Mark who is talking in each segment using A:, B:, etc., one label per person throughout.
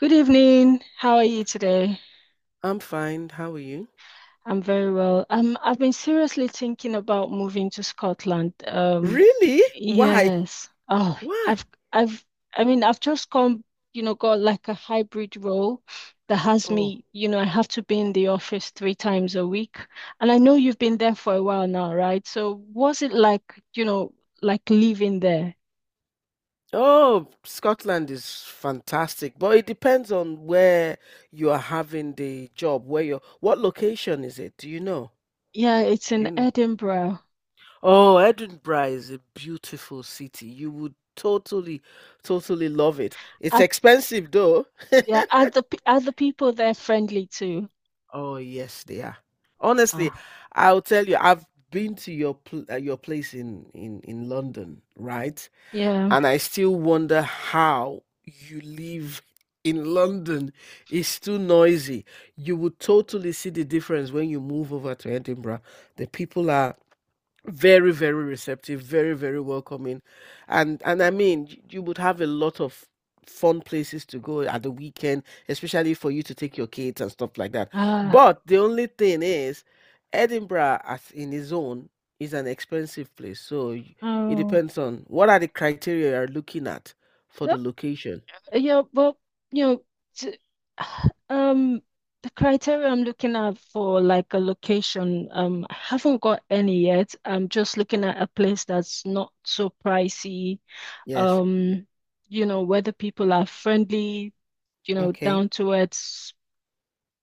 A: Good evening. How are you today?
B: I'm fine. How are you?
A: I'm very well. I've been seriously thinking about moving to Scotland. Um,
B: Really? Why?
A: yes. Oh,
B: Why?
A: I've, I've, I mean, I've just come, you know, got like a hybrid role that has
B: Oh,
A: me. I have to be in the office three times a week. And I know you've been there for a while now, right? So was it like like living there?
B: oh, Scotland is fantastic, but it depends on where you are having the job, what location is it? Do you know?
A: Yeah, it's
B: Do
A: in
B: you know?
A: Edinburgh.
B: Oh, Edinburgh is a beautiful city. You would totally, totally love it. It's
A: Are,
B: expensive though.
A: yeah, are the people there friendly too?
B: Oh, yes, they are. Honestly,
A: Ah.
B: I'll tell you, I've been to your pl your place in London, right?
A: Yeah.
B: And I still wonder how you live in London. It's too noisy. You would totally see the difference when you move over to Edinburgh. The people are very, very receptive, very, very welcoming, and I mean you would have a lot of fun places to go at the weekend, especially for you to take your kids and stuff like that.
A: Uh,
B: But the only thing is Edinburgh as in its own is an expensive place, so it
A: oh,
B: depends on what are the criteria you're looking at for
A: no,
B: the location.
A: yeah, well, you know, t um, the criteria I'm looking at for like a location, I haven't got any yet. I'm just looking at a place that's not so pricey.
B: Yes.
A: Um, whether people are friendly,
B: Okay.
A: down to earth,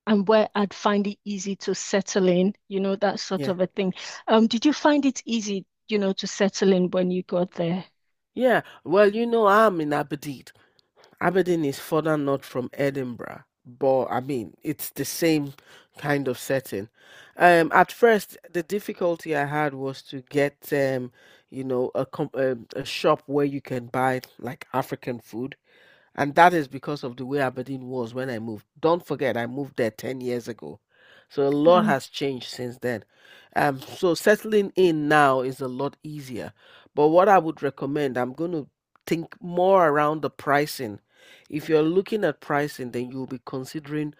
A: and where I'd find it easy to settle in, that sort
B: Yeah.
A: of a thing. Did you find it easy, to settle in when you got there?
B: Yeah, well, you know, I'm in Aberdeen. Aberdeen is further north from Edinburgh, but I mean, it's the same kind of setting. At first, the difficulty I had was to get, you know, a, a shop where you can buy like African food, and that is because of the way Aberdeen was when I moved. Don't forget, I moved there 10 years ago. So a lot
A: Um,
B: has changed since then. So settling in now is a lot easier. But what I would recommend, I'm going to think more around the pricing. If you're looking at pricing, then you'll be considering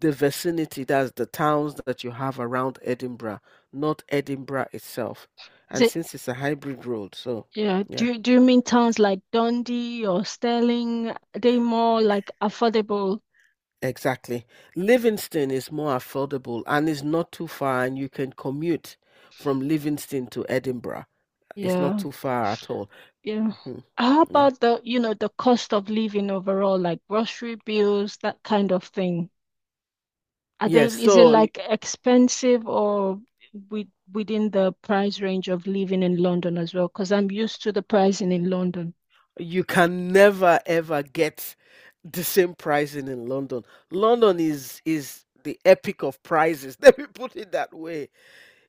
B: the vicinity, that's the towns that you have around Edinburgh, not Edinburgh itself. And since it's a hybrid road, so
A: Yeah,
B: yeah.
A: do you mean towns like Dundee or Stirling? They more like affordable.
B: Exactly. Livingston is more affordable and is not too far, and you can commute from Livingston to Edinburgh. It's not
A: Yeah,
B: too far at all.
A: yeah.
B: Mhm.
A: How
B: Yeah.
A: about the cost of living overall, like grocery bills, that kind of thing? Are
B: Yes.
A: is it like expensive or within the price range of living in London as well? Because I'm used to the pricing in London.
B: You can never ever get the same pricing in London. London is the epic of prices. Let me put it that way.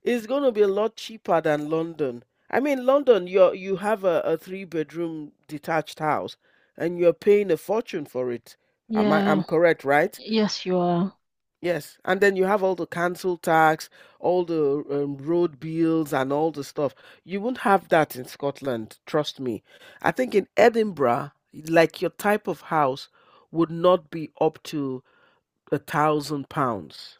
B: It's going to be a lot cheaper than London. I mean, London, you have a three-bedroom detached house, and you're paying a fortune for it. Am I I'm
A: Yeah,
B: correct, right?
A: yes, you are.
B: Yes. And then you have all the council tax, all the road bills and all the stuff. You won't have that in Scotland, trust me. I think in Edinburgh, like your type of house would not be up to £1,000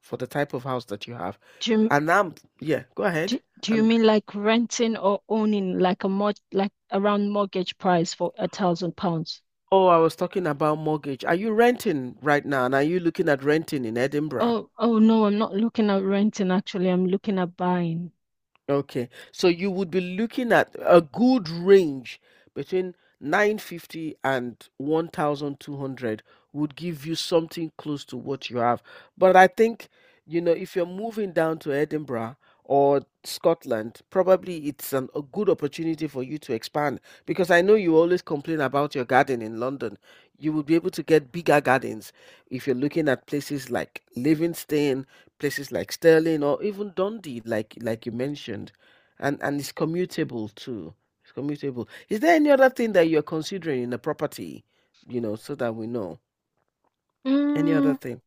B: for the type of house that you have.
A: Do you,
B: And I'm, yeah, go ahead.
A: do you mean like renting or owning like a mod like around mortgage price for £1,000?
B: Oh, I was talking about mortgage. Are you renting right now? And are you looking at renting in Edinburgh?
A: Oh no, I'm not looking at renting actually. I'm looking at buying.
B: Okay. So you would be looking at a good range between 950 and 1200 would give you something close to what you have. But I think, you know, if you're moving down to Edinburgh or Scotland, probably it's a good opportunity for you to expand, because I know you always complain about your garden in London. You would be able to get bigger gardens if you're looking at places like Livingston, places like Stirling or even Dundee, like you mentioned, and it's commutable too. It's commutable. Is there any other thing that you're considering in a property? You know, so that we know. Any other
A: Mm,
B: thing?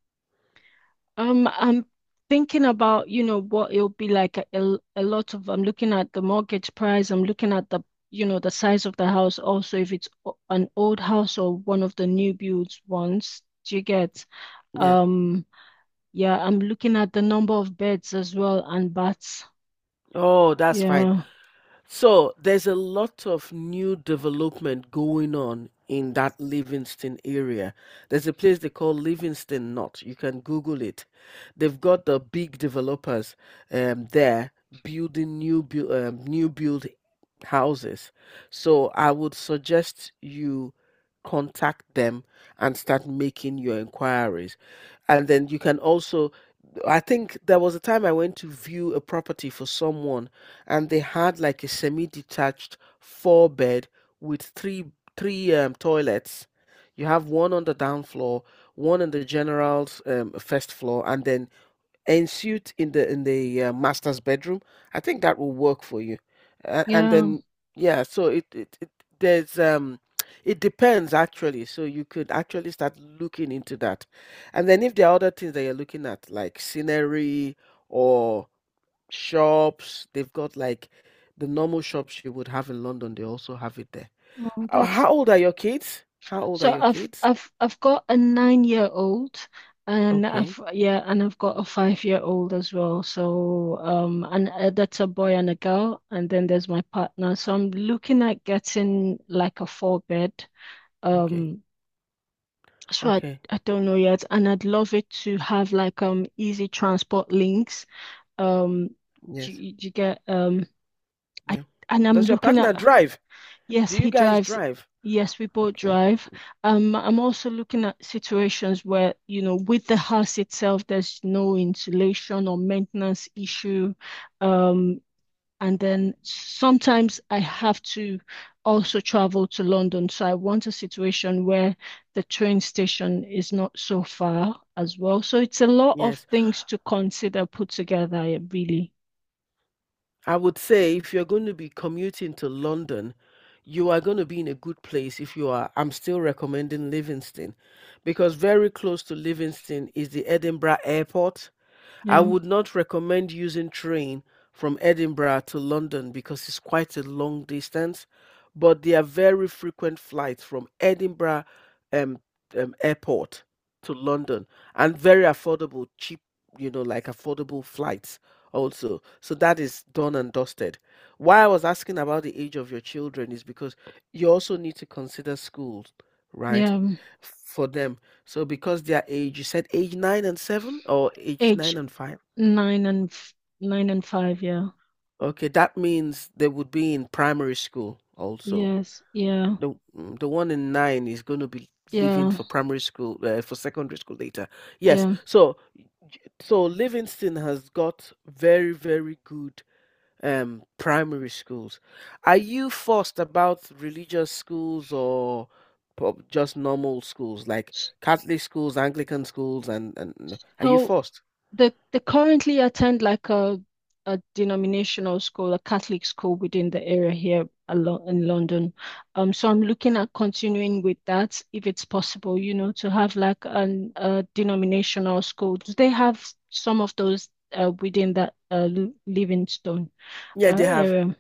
A: I'm thinking about, what it'll be like. I'm looking at the mortgage price. I'm looking at the size of the house. Also, if it's an old house or one of the new builds ones, do you get?
B: Yeah.
A: Um, yeah, I'm looking at the number of beds as well and baths.
B: Oh, that's fine.
A: Yeah.
B: So there's a lot of new development going on in that Livingston area. There's a place they call Livingston Knot. You can Google it. They've got the big developers there, building new build houses. So I would suggest you contact them and start making your inquiries. And then you can also, I think there was a time I went to view a property for someone, and they had like a semi-detached four bed with three toilets. You have one on the down floor, one on the general's first floor, and then ensuite in the master's bedroom. I think that will work for you. And
A: Yeah,
B: then yeah, so it there's it depends actually. So you could actually start looking into that. And then if there are other things that you're looking at, like scenery or shops. They've got like the normal shops you would have in London. They also have it there.
A: well, that's
B: How old are your kids? How old are
A: so
B: your
A: I've
B: kids?
A: I've I've got a 9 year old and
B: Okay,
A: I've yeah and I've got a 5 year old as well. So and that's a boy and a girl, and then there's my partner. So I'm looking at getting like a four bed.
B: okay,
A: Um so I
B: okay.
A: I don't know yet, and I'd love it to have like easy transport links. Um
B: Yes,
A: do you get I
B: yeah.
A: I'm
B: Does your
A: looking
B: partner
A: at
B: drive?
A: Yes,
B: Do
A: he
B: you guys
A: drives.
B: drive?
A: Yes, we both
B: Okay.
A: drive. I'm also looking at situations where, you know, with the house itself, there's no insulation or maintenance issue. Um, and then sometimes I have to also travel to London. So I want a situation where the train station is not so far as well. So it's a lot of
B: Yes.
A: things to consider put together, yeah, really.
B: I would say if you're going to be commuting to London, you are going to be in a good place if you are. I'm still recommending Livingston, because very close to Livingston is the Edinburgh Airport. I
A: Yeah.
B: would not recommend using train from Edinburgh to London because it's quite a long distance, but there are very frequent flights from Edinburgh um, airport to London, and very affordable, cheap, you know, like affordable flights also. So that is done and dusted. Why I was asking about the age of your children is because you also need to consider schools, right?
A: Yeah.
B: For them, so because their age, you said age nine and seven or age
A: Age
B: nine and five?
A: nine and f- nine and five, yeah.
B: Okay, that means they would be in primary school also.
A: Yes, yeah,
B: The the one in nine is going to be leaving
A: yeah,
B: for primary school for secondary school later. Yes,
A: yeah.
B: so so Livingston has got very, very good primary schools. Are you fussed about religious schools or just normal schools like Catholic schools, Anglican schools, are you
A: So
B: fussed?
A: they currently attend like a denominational school, a Catholic school within the area here along in London. So I'm looking at continuing with that if it's possible, you know, to have like an a denominational school. Do they have some of those within that Livingstone
B: Yeah, they have.
A: area?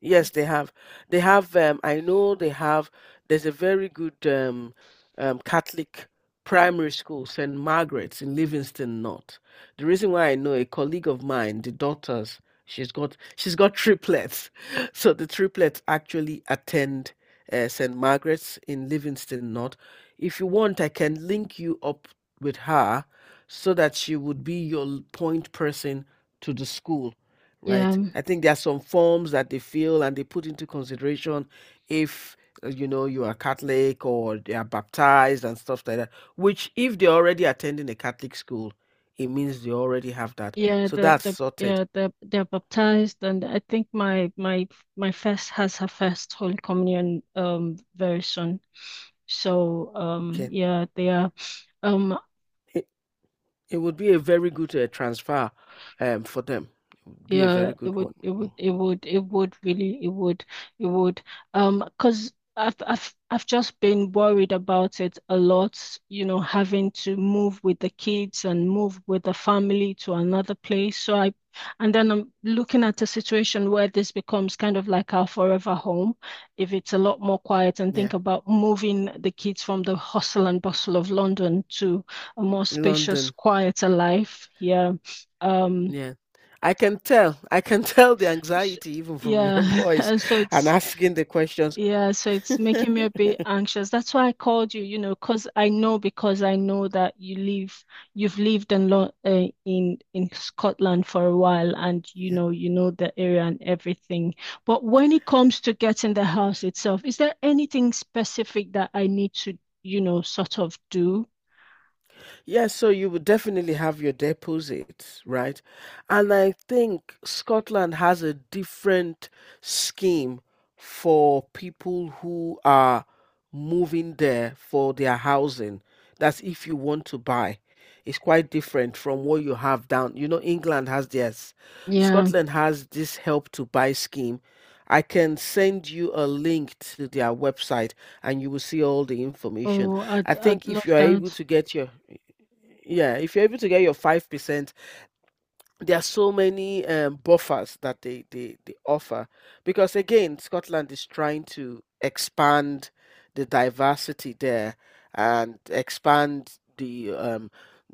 B: Yes, they have. They have, I know they have, there's a very good Catholic primary school, St. Margaret's in Livingston North. The reason why I know, a colleague of mine, the daughters, she's got triplets. So the triplets actually attend St. Margaret's in Livingston North. If you want, I can link you up with her, so that she would be your point person to the school, right?
A: Yeah.
B: I think there are some forms that they fill and they put into consideration if you know, you are Catholic or they are baptized and stuff like that. Which, if they're already attending a Catholic school, it means they already have that. So that's sorted.
A: They're baptized, and I think my first has her first Holy Communion very soon.
B: Okay,
A: Yeah they are. Um
B: it, it would be a very good transfer for them. It would be a
A: Yeah,
B: very
A: it
B: good
A: would,
B: one.
A: it
B: Mm.
A: would, it would, it would really, it would, it would. 'Cause I've just been worried about it a lot, you know, having to move with the kids and move with the family to another place. And then I'm looking at a situation where this becomes kind of like our forever home, if it's a lot more quiet, and think
B: Yeah,
A: about moving the kids from the hustle and bustle of London to a more spacious,
B: London.
A: quieter life here. Um,
B: Yeah. I can tell. I can tell the
A: Sh-
B: anxiety even from your
A: Yeah,
B: voice
A: and so
B: and asking the questions.
A: it's making me a bit anxious. That's why I called you, you know, because I know that you've lived in Lo in Scotland for a while, and
B: Yeah.
A: you know the area and everything. But when it comes to getting the house itself, is there anything specific that I need to, you know, sort of do?
B: Yeah, so you would definitely have your deposits, right? And I think Scotland has a different scheme for people who are moving there for their housing. That's if you want to buy. It's quite different from what you have down. You know, England has theirs.
A: Yeah.
B: Scotland has this help to buy scheme. I can send you a link to their website and you will see all the information.
A: Oh, I'd
B: I
A: I'd
B: think if
A: love
B: you are able
A: that.
B: to get your, yeah, if you're able to get your 5%, there are so many buffers that they offer, because again Scotland is trying to expand the diversity there, and expand the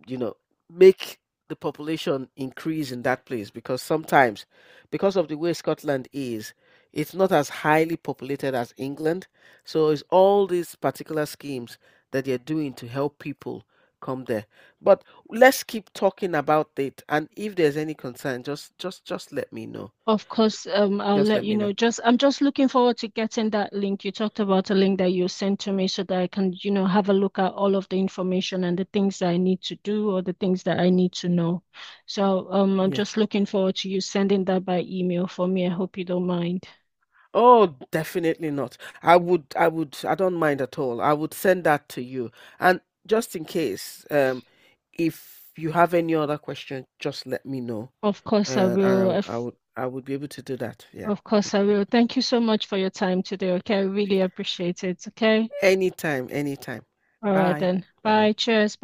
B: you know, make the population increase in that place, because sometimes because of the way Scotland is, it's not as highly populated as England, so it's all these particular schemes that they're doing to help people come there. But let's keep talking about it, and if there's any concern, just let me know.
A: Of course, I'll
B: Just
A: let
B: let
A: you
B: me
A: know.
B: know.
A: Just I'm just looking forward to getting that link. You talked about a link that you sent to me so that I can, you know, have a look at all of the information and the things that I need to do or the things that I need to know. So, I'm
B: Yes.
A: just looking forward to you sending that by email for me. I hope you don't mind.
B: Oh, definitely not. I would, I don't mind at all, I would send that to you. And just in case, if you have any other question, just let me know.
A: Of course, I
B: And
A: will.
B: I
A: Of,
B: would, I would be able to do that, yeah.
A: of course, I will. Thank you so much for your time today. Okay, I really appreciate it. Okay.
B: Anytime, anytime.
A: All right
B: Bye.
A: then.
B: Bye bye.
A: Bye. Cheers.